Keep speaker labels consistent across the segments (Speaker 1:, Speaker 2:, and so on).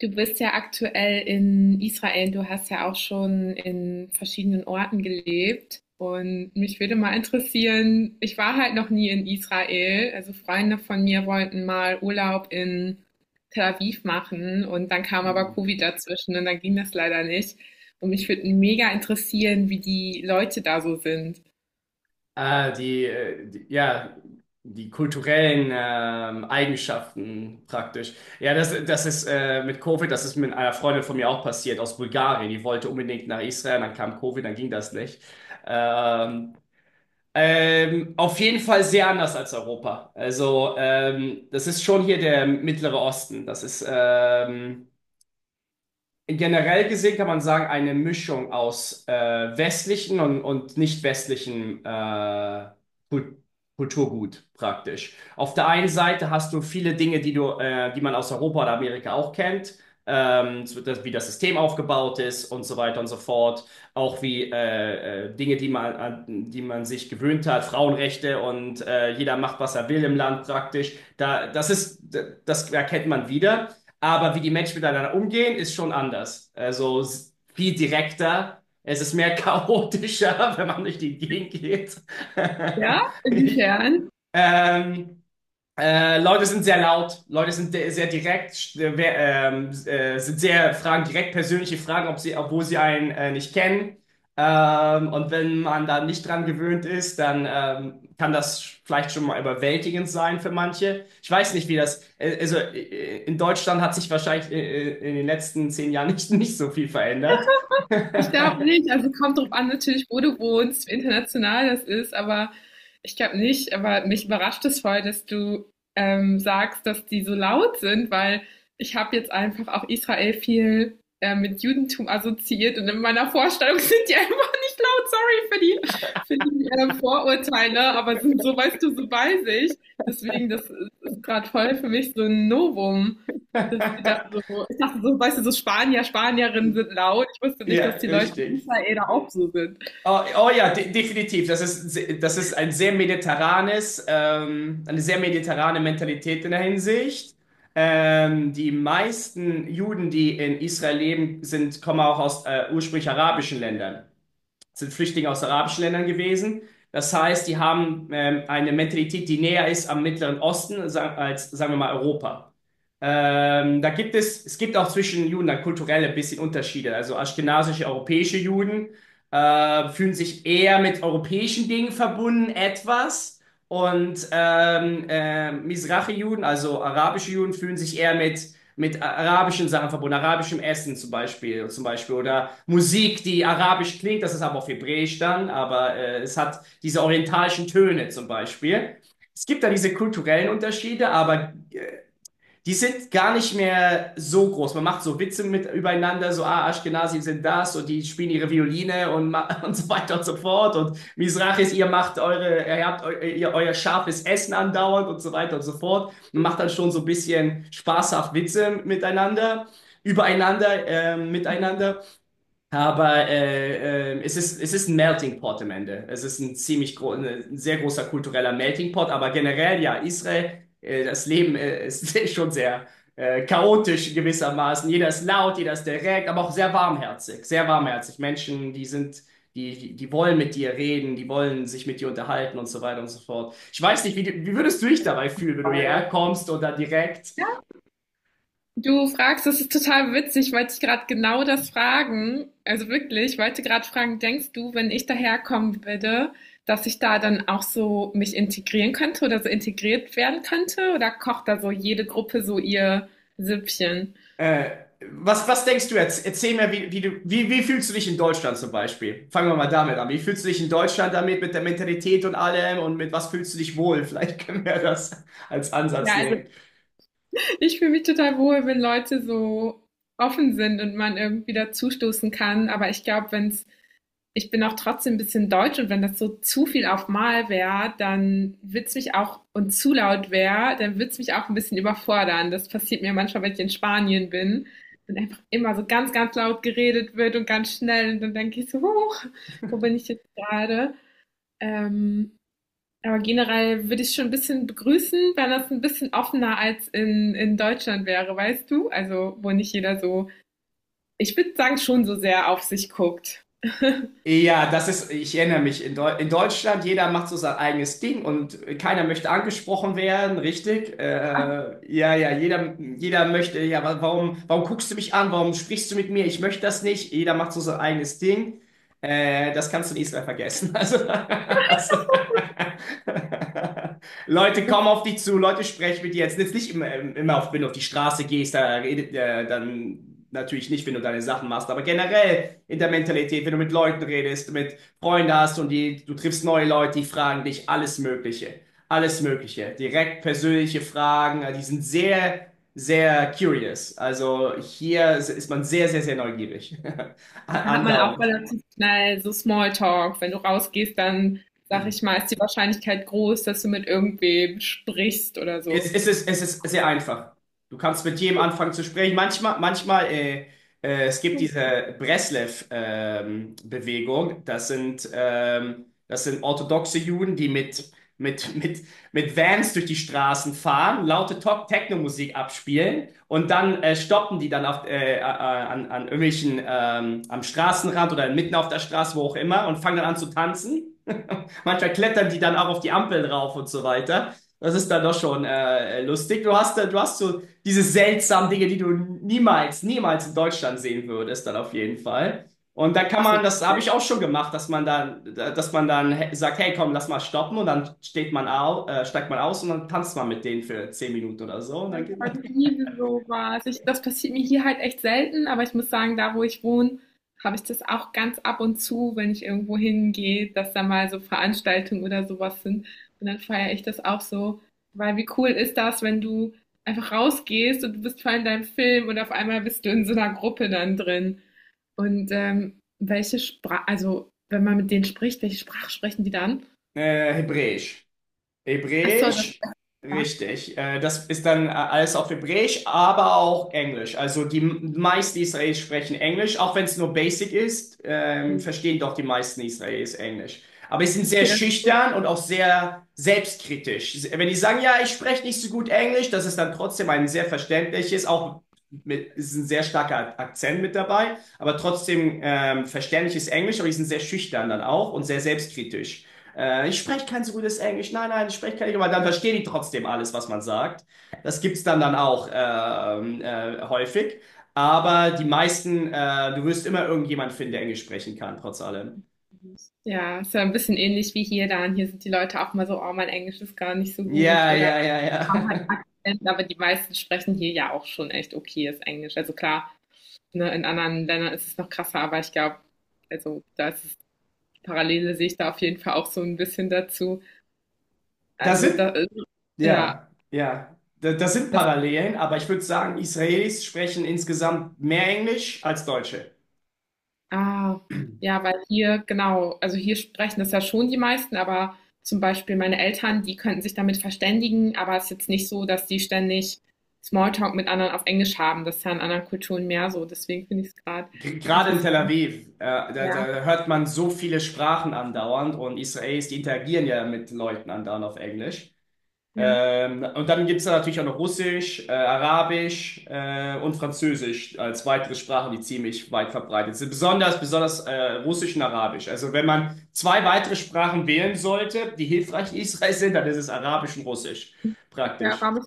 Speaker 1: Du bist ja aktuell in Israel, du hast ja auch schon in verschiedenen Orten gelebt. Und mich würde mal interessieren, ich war halt noch nie in Israel. Also Freunde von mir wollten mal Urlaub in Tel Aviv machen und dann kam aber
Speaker 2: Mhm.
Speaker 1: Covid dazwischen und dann ging das leider nicht. Und mich würde mega interessieren, wie die Leute da so sind.
Speaker 2: Ah, die, äh, die, ja, die kulturellen Eigenschaften praktisch. Ja, das ist mit Covid, das ist mit einer Freundin von mir auch passiert aus Bulgarien. Die wollte unbedingt nach Israel, dann kam Covid, dann ging das nicht. Ähm, auf jeden Fall sehr anders als Europa. Also, das ist schon hier der Mittlere Osten. Generell gesehen kann man sagen, eine Mischung aus westlichen und nicht westlichen Kul- Kulturgut praktisch. Auf der einen Seite hast du viele Dinge, die man aus Europa oder Amerika auch kennt, so das, wie das System aufgebaut ist und so weiter und so fort. Auch wie Dinge, an die man sich gewöhnt hat, Frauenrechte und jeder macht, was er will im Land praktisch. Das ist, das erkennt man wieder. Aber wie die Menschen miteinander umgehen, ist schon anders. Also viel direkter. Es ist mehr chaotischer, wenn man durch die Gegend geht.
Speaker 1: Ja? Inwiefern?
Speaker 2: Ähm, Leute sind sehr laut, sehr direkt, sind sehr Fragen, direkt persönliche Fragen, obwohl sie einen nicht kennen. Und wenn man da nicht dran gewöhnt ist, dann kann das vielleicht schon mal überwältigend sein für manche. Ich weiß nicht, wie das, also in Deutschland hat sich wahrscheinlich in den letzten zehn Jahren nicht, nicht so viel verändert.
Speaker 1: Ich glaube nicht. Also kommt drauf an, natürlich, wo du wohnst, wie international das ist, aber ich glaube nicht. Aber mich überrascht es voll, dass du sagst, dass die so laut sind, weil ich habe jetzt einfach auch Israel viel mit Judentum assoziiert und in meiner Vorstellung sind die einfach nicht laut. Sorry für die Vorurteile, ne? Aber sind so, weißt du, so bei sich. Deswegen, das ist gerade voll für mich so ein Novum. Dass die da so, ich dachte so, weißt du, so Spanier, Spanierinnen sind laut. Ich wusste nicht,
Speaker 2: Ja,
Speaker 1: dass die Leute in
Speaker 2: richtig.
Speaker 1: Israel da auch so sind.
Speaker 2: Oh, oh ja, de definitiv. Das ist ein sehr mediterranes, eine sehr mediterrane Mentalität in der Hinsicht. Die meisten Juden, die in Israel leben, kommen auch aus ursprünglich arabischen Ländern. Sind Flüchtlinge aus arabischen Ländern gewesen. Das heißt, die haben eine Mentalität, die näher ist am Mittleren Osten als, sagen wir mal, Europa. Es gibt auch zwischen Juden dann kulturelle bisschen Unterschiede. Also aschkenasische, europäische Juden fühlen sich eher mit europäischen Dingen verbunden, etwas. Und Mizrachi-Juden, also arabische Juden, fühlen sich eher mit arabischen Sachen verbunden, arabischem Essen zum Beispiel oder Musik, die arabisch klingt, das ist aber auf Hebräisch dann, aber es hat diese orientalischen Töne zum Beispiel. Es gibt da diese kulturellen Unterschiede, aber die sind gar nicht mehr so groß. Man macht so Witze mit übereinander, so, ah, Ashkenazi sind das und die spielen ihre Violine und und so weiter und so fort. Und Mizrachis, ihr macht eure, ihr habt eu, ihr, euer scharfes Essen andauernd und so weiter und so fort. Man macht dann schon so ein bisschen spaßhaft Witze miteinander, miteinander. Aber es ist ein Melting Pot am Ende. Es ist ein sehr großer kultureller Melting Pot, aber generell ja, Israel, das Leben ist schon sehr chaotisch gewissermaßen. Jeder ist laut, jeder ist direkt, aber auch sehr warmherzig, sehr warmherzig. Menschen, die wollen mit dir reden, die wollen sich mit dir unterhalten und so weiter und so fort. Ich weiß nicht, wie würdest du dich dabei fühlen, wenn du
Speaker 1: Weil,
Speaker 2: hierher kommst oder direkt
Speaker 1: ja. Du fragst, das ist total witzig, ich wollte ich gerade genau das fragen. Also wirklich, ich wollte gerade fragen, denkst du, wenn ich daherkommen würde, dass ich da dann auch so mich integrieren könnte oder so integriert werden könnte? Oder kocht da so jede Gruppe so ihr Süppchen?
Speaker 2: Äh, was, denkst du jetzt? Erzähl mir, wie fühlst du dich in Deutschland zum Beispiel? Fangen wir mal damit an. Wie fühlst du dich in Deutschland damit, mit der Mentalität und allem und mit was fühlst du dich wohl? Vielleicht können wir das als Ansatz
Speaker 1: Ja, also
Speaker 2: nehmen.
Speaker 1: ich fühle mich total wohl, wenn Leute so offen sind und man irgendwie dazustoßen kann. Aber ich glaube, wenn es ich bin auch trotzdem ein bisschen deutsch und wenn das so zu viel auf Mal wäre, dann wird's mich auch und zu laut wäre, dann wird's mich auch ein bisschen überfordern. Das passiert mir manchmal, wenn ich in Spanien bin und einfach immer so ganz, ganz laut geredet wird und ganz schnell und dann denke ich so, huch, wo bin ich jetzt gerade? Ähm, aber generell würde ich schon ein bisschen begrüßen, wenn das ein bisschen offener als in Deutschland wäre, weißt du? Also, wo nicht jeder so, ich würde sagen, schon so sehr auf sich guckt.
Speaker 2: Ja, das ist, ich erinnere mich, in Deutschland, jeder macht so sein eigenes Ding und keiner möchte angesprochen werden, richtig? Ja, ja, jeder möchte, ja, warum guckst du mich an? Warum sprichst du mit mir? Ich möchte das nicht. Jeder macht so sein eigenes Ding. Das kannst du in Israel vergessen. Das, Leute kommen auf dich zu, Leute sprechen mit dir. Jetzt nicht immer, wenn du auf die Straße gehst, dann natürlich nicht, wenn du deine Sachen machst, aber generell in der Mentalität, wenn du mit Leuten redest, mit Freunden hast und die, du triffst neue Leute, die fragen dich alles Mögliche. Alles Mögliche. Direkt persönliche Fragen. Die sind sehr curious. Also hier ist man sehr neugierig.
Speaker 1: Da hat man auch
Speaker 2: Andauernd.
Speaker 1: relativ schnell so Smalltalk. Wenn du rausgehst, dann sag ich mal, ist die Wahrscheinlichkeit groß, dass du mit irgendwem sprichst oder so.
Speaker 2: Es ist sehr einfach. Du kannst mit jedem anfangen zu sprechen. Manchmal, es gibt diese Breslev-Bewegung. Das sind, das sind orthodoxe Juden, die mit, mit, mit Vans durch die Straßen fahren, laute Techno-Musik abspielen und dann stoppen die dann an irgendwelchen, am Straßenrand oder mitten auf der Straße, wo auch immer, und fangen dann an zu tanzen. Manchmal klettern die dann auch auf die Ampel drauf und so weiter. Das ist dann doch schon lustig. Du hast so diese seltsamen Dinge, die du niemals in Deutschland sehen würdest, dann auf jeden Fall. Und da kann man,
Speaker 1: Absolut.
Speaker 2: das habe ich auch schon gemacht, dass man dann sagt, hey, komm, lass mal stoppen und dann steigt man aus und dann tanzt man mit denen für zehn Minuten oder so und dann geht man.
Speaker 1: Ich liebe sowas. Das passiert mir hier halt echt selten, aber ich muss sagen, da wo ich wohne, habe ich das auch ganz ab und zu, wenn ich irgendwo hingehe, dass da mal so Veranstaltungen oder sowas sind. Und dann feiere ich das auch so. Weil wie cool ist das, wenn du einfach rausgehst und du bist voll in deinem Film und auf einmal bist du in so einer Gruppe dann drin. Und welche Sprache, also wenn man mit denen spricht, welche Sprache sprechen die dann?
Speaker 2: Hebräisch.
Speaker 1: Ach so, das ist
Speaker 2: Hebräisch,
Speaker 1: ja.
Speaker 2: richtig. Das ist dann alles auf Hebräisch, aber auch Englisch. Also die meisten Israelis sprechen Englisch, auch wenn es nur Basic ist, verstehen doch die meisten Israelis Englisch. Aber sie sind sehr
Speaker 1: Okay, das
Speaker 2: schüchtern und auch sehr selbstkritisch. Wenn die sagen, ja, ich spreche nicht so gut Englisch, das ist dann trotzdem ein sehr verständliches, auch mit, ist ein sehr starker Akzent mit dabei, aber trotzdem verständliches Englisch, aber die sind sehr schüchtern dann auch und sehr selbstkritisch. Ich spreche kein so gutes Englisch. Nein, nein, ich spreche kein Englisch. Aber dann verstehen die trotzdem alles, was man sagt. Das gibt's dann auch häufig. Aber die meisten, du wirst immer irgendjemand finden, der Englisch sprechen kann, trotz allem.
Speaker 1: ja, ist ja ein bisschen ähnlich wie hier dann. Hier sind die Leute auch mal so, oh, mein Englisch ist gar nicht so gut
Speaker 2: Ja,
Speaker 1: oder
Speaker 2: ja, ja,
Speaker 1: haben
Speaker 2: ja.
Speaker 1: halt Akzent, aber die meisten sprechen hier ja auch schon echt okayes Englisch. Also klar, ne, in anderen Ländern ist es noch krasser, aber ich glaube, also da ist es, Parallele sehe ich da auf jeden Fall auch so ein bisschen dazu.
Speaker 2: Da
Speaker 1: Also da,
Speaker 2: sind,
Speaker 1: ja,
Speaker 2: ja, ja. Da, das sind
Speaker 1: das
Speaker 2: Parallelen, aber ich würde sagen, Israelis sprechen insgesamt mehr Englisch als Deutsche.
Speaker 1: Ah, ja, weil hier, genau, also hier sprechen das ja schon die meisten, aber zum Beispiel meine Eltern, die könnten sich damit verständigen, aber es ist jetzt nicht so, dass die ständig Smalltalk mit anderen auf Englisch haben. Das ist ja in anderen Kulturen mehr so. Deswegen finde ich es gerade
Speaker 2: Gerade in Tel
Speaker 1: interessant.
Speaker 2: Aviv,
Speaker 1: Ja,
Speaker 2: da hört man so viele Sprachen andauernd und Israelis, die interagieren ja mit Leuten andauernd auf Englisch.
Speaker 1: ja,
Speaker 2: Und dann gibt es da natürlich auch noch Russisch, Arabisch und Französisch als weitere Sprachen, die ziemlich weit verbreitet sind. Besonders Russisch und Arabisch. Also wenn man zwei weitere Sprachen wählen sollte, die hilfreich in Israel sind, dann ist es Arabisch und Russisch
Speaker 1: ja,
Speaker 2: praktisch.
Speaker 1: Arabisch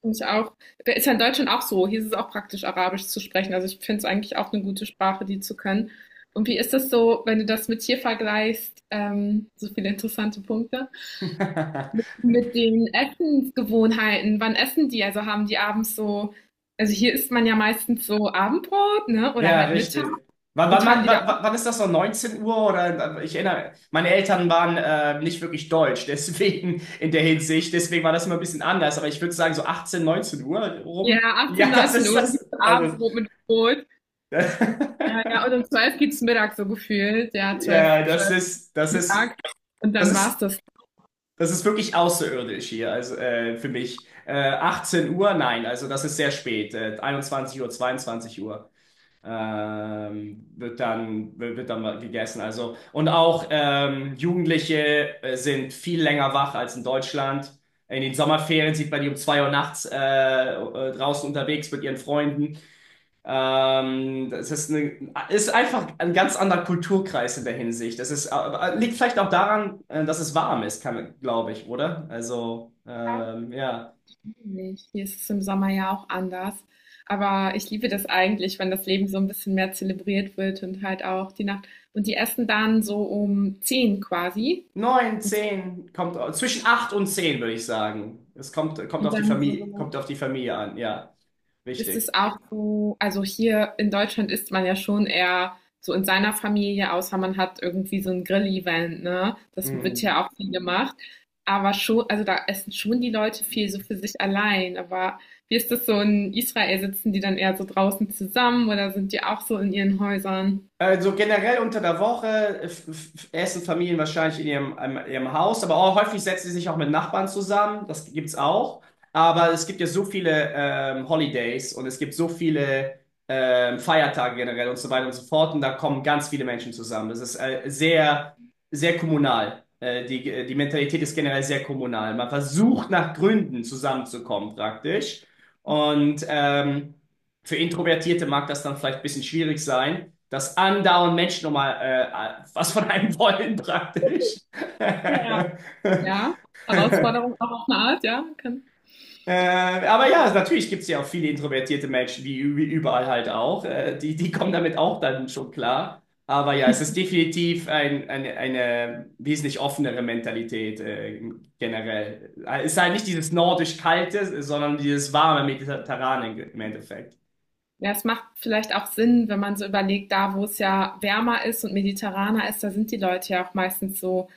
Speaker 1: finde ich auch. Ist ja in Deutschland auch so. Hier ist es auch praktisch, Arabisch zu sprechen. Also ich finde es eigentlich auch eine gute Sprache, die zu können. Und wie ist das so, wenn du das mit hier vergleichst? So viele interessante Punkte, mit den Essensgewohnheiten, wann essen die? Also haben die abends so, also hier isst man ja meistens so Abendbrot, ne? Oder
Speaker 2: Ja,
Speaker 1: halt Mittag.
Speaker 2: richtig.
Speaker 1: Und haben die da auch,
Speaker 2: Wann ist das so? 19 Uhr oder ich erinnere, meine Eltern waren nicht wirklich deutsch, deswegen in der Hinsicht, deswegen war das immer ein bisschen anders, aber ich würde sagen so 18, 19 Uhr
Speaker 1: ja,
Speaker 2: rum. Ja,
Speaker 1: 18
Speaker 2: das
Speaker 1: 19
Speaker 2: ist
Speaker 1: Uhr gibt's
Speaker 2: das.
Speaker 1: so Abendbrot mit Brot. Ja, ja, und um 12 gibt's Mittag so gefühlt. Ja, zwölf
Speaker 2: Ja, das
Speaker 1: zwölf
Speaker 2: ist, das ist,
Speaker 1: Mittag. Und
Speaker 2: das
Speaker 1: dann war's
Speaker 2: ist,
Speaker 1: das.
Speaker 2: das ist wirklich außerirdisch hier, also für mich. 18 Uhr, nein, also das ist sehr spät, 21 Uhr, 22 Uhr. Wird dann mal gegessen. Also, und auch Jugendliche sind viel länger wach als in Deutschland. In den Sommerferien sieht man die um 2 Uhr nachts draußen unterwegs mit ihren Freunden. Ähm, das ist, eine, Ist einfach ein ganz anderer Kulturkreis in der Hinsicht. Liegt vielleicht auch daran, dass es warm ist, kann, glaube ich, oder? Also,
Speaker 1: Ja,
Speaker 2: ja.
Speaker 1: nicht. Hier ist es im Sommer ja auch anders. Aber ich liebe das eigentlich, wenn das Leben so ein bisschen mehr zelebriert wird und halt auch die Nacht. Und die essen dann so um 10 quasi.
Speaker 2: Neun, zehn, kommt zwischen acht und zehn, würde ich sagen. Kommt
Speaker 1: Und
Speaker 2: auf die
Speaker 1: dann
Speaker 2: Familie,
Speaker 1: so.
Speaker 2: kommt auf die Familie an, ja.
Speaker 1: Ist es
Speaker 2: Richtig.
Speaker 1: auch so, also hier in Deutschland isst man ja schon eher so in seiner Familie, außer man hat irgendwie so ein Grill-Event, ne? Das wird
Speaker 2: Mhm.
Speaker 1: ja auch viel gemacht. Aber schon, also da essen schon die Leute viel so für sich allein. Aber wie ist das so in Israel? Sitzen die dann eher so draußen zusammen oder sind die auch so in ihren Häusern?
Speaker 2: Also generell unter der Woche essen Familien wahrscheinlich in ihrem Haus, aber auch häufig setzen sie sich auch mit Nachbarn zusammen. Das gibt's auch. Aber es gibt ja so viele Holidays und es gibt so viele Feiertage generell und so weiter und so fort. Und da kommen ganz viele Menschen zusammen. Das ist sehr kommunal. Die Mentalität ist generell sehr kommunal. Man versucht nach Gründen zusammenzukommen praktisch. Und für Introvertierte mag das dann vielleicht ein bisschen schwierig sein, dass andauernd Menschen nochmal was von einem wollen praktisch.
Speaker 1: Ja. Ja, Herausforderung auch auf eine Art, ja?
Speaker 2: Aber ja, natürlich gibt es ja auch viele introvertierte Menschen, wie überall halt auch. Die kommen damit auch dann schon klar. Aber ja, es ist definitiv eine wesentlich offenere Mentalität generell. Es ist halt nicht dieses nordisch-kalte, sondern dieses warme Mediterrane im Endeffekt.
Speaker 1: Ja, es macht vielleicht auch Sinn, wenn man so überlegt, da wo es ja wärmer ist und mediterraner ist, da sind die Leute ja auch meistens so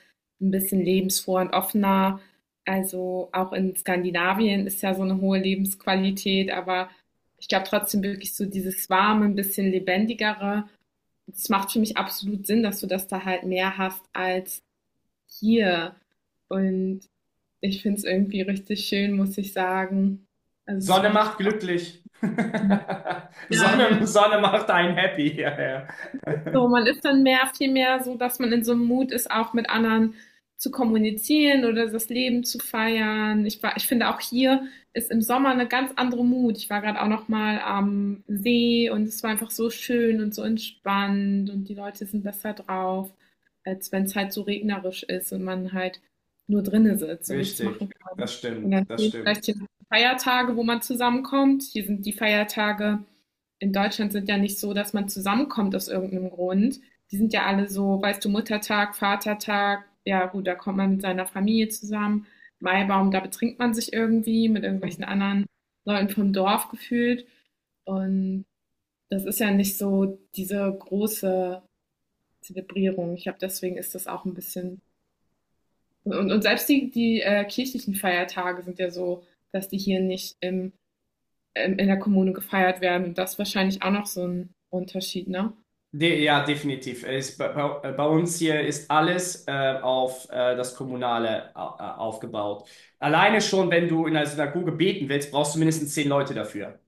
Speaker 1: ein bisschen lebensfroher und offener. Also auch in Skandinavien ist ja so eine hohe Lebensqualität, aber ich glaube trotzdem wirklich so dieses warme, ein bisschen lebendigere. Es macht für mich absolut Sinn, dass du das da halt mehr hast als hier. Und ich finde es irgendwie richtig schön, muss ich sagen. Also das
Speaker 2: Sonne
Speaker 1: würde ich
Speaker 2: macht
Speaker 1: auch.
Speaker 2: glücklich.
Speaker 1: Ja, ja.
Speaker 2: Sonne macht einen happy. Ja, ja.
Speaker 1: So, man ist dann mehr, viel mehr so, dass man in so einem Mut ist, auch mit anderen zu kommunizieren oder das Leben zu feiern. Ich finde auch hier ist im Sommer eine ganz andere Mut. Ich war gerade auch noch mal am See und es war einfach so schön und so entspannt und die Leute sind besser drauf, als wenn es halt so regnerisch ist und man halt nur drinnen sitzt und nichts machen
Speaker 2: Richtig,
Speaker 1: kann.
Speaker 2: das
Speaker 1: Und
Speaker 2: stimmt,
Speaker 1: dann
Speaker 2: das
Speaker 1: fehlt
Speaker 2: stimmt.
Speaker 1: vielleicht hier noch Feiertage, wo man zusammenkommt. Hier sind die Feiertage in Deutschland sind ja nicht so, dass man zusammenkommt aus irgendeinem Grund. Die sind ja alle so, weißt du, Muttertag, Vatertag, ja gut, da kommt man mit seiner Familie zusammen. Maibaum, da betrinkt man sich irgendwie mit irgendwelchen anderen Leuten vom Dorf gefühlt. Und das ist ja nicht so diese große Zelebrierung. Ich glaube, deswegen ist das auch ein bisschen. Und selbst die kirchlichen Feiertage sind ja so, dass die hier nicht in der Kommune gefeiert werden. Und das ist wahrscheinlich auch noch so ein Unterschied, ne?
Speaker 2: De Ja, definitiv. Bei bei uns hier ist alles auf das Kommunale aufgebaut. Alleine schon, wenn du in einer Synagoge beten willst, brauchst du mindestens zehn Leute dafür.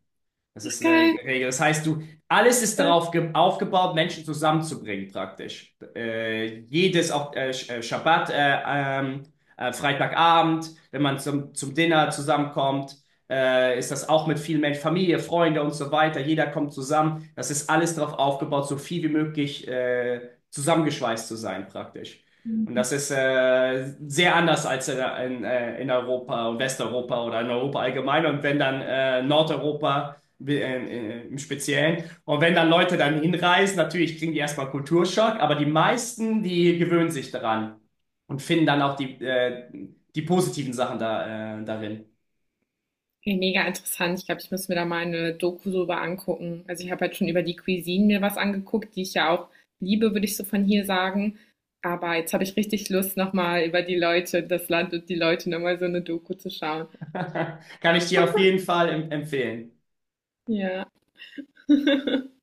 Speaker 2: Das
Speaker 1: Ach,
Speaker 2: ist eine
Speaker 1: geil.
Speaker 2: Regel. Alles ist
Speaker 1: Ja,
Speaker 2: darauf aufgebaut, Menschen zusammenzubringen, praktisch. Schabbat, ähm, Freitagabend, wenn man zum Dinner zusammenkommt, ist das auch mit vielen Menschen, Familie, Freunde und so weiter. Jeder kommt zusammen. Das ist alles darauf aufgebaut, so viel wie möglich zusammengeschweißt zu sein, praktisch. Und das ist sehr anders als in Europa und Westeuropa oder in Europa allgemein. Und wenn dann Nordeuropa im Speziellen. Und wenn dann Leute dann hinreisen, natürlich kriegen die erstmal Kulturschock, aber die meisten, die gewöhnen sich daran und finden dann auch die, die positiven Sachen da, darin.
Speaker 1: mega interessant. Ich glaube, ich muss mir da mal eine Doku drüber angucken. Also ich habe halt schon über die Cuisine mir was angeguckt, die ich ja auch liebe, würde ich so von hier sagen. Aber jetzt habe ich richtig Lust, nochmal über die Leute, das Land und die Leute nochmal so eine Doku zu schauen.
Speaker 2: Kann ich dir auf jeden Fall empfehlen.
Speaker 1: Ja.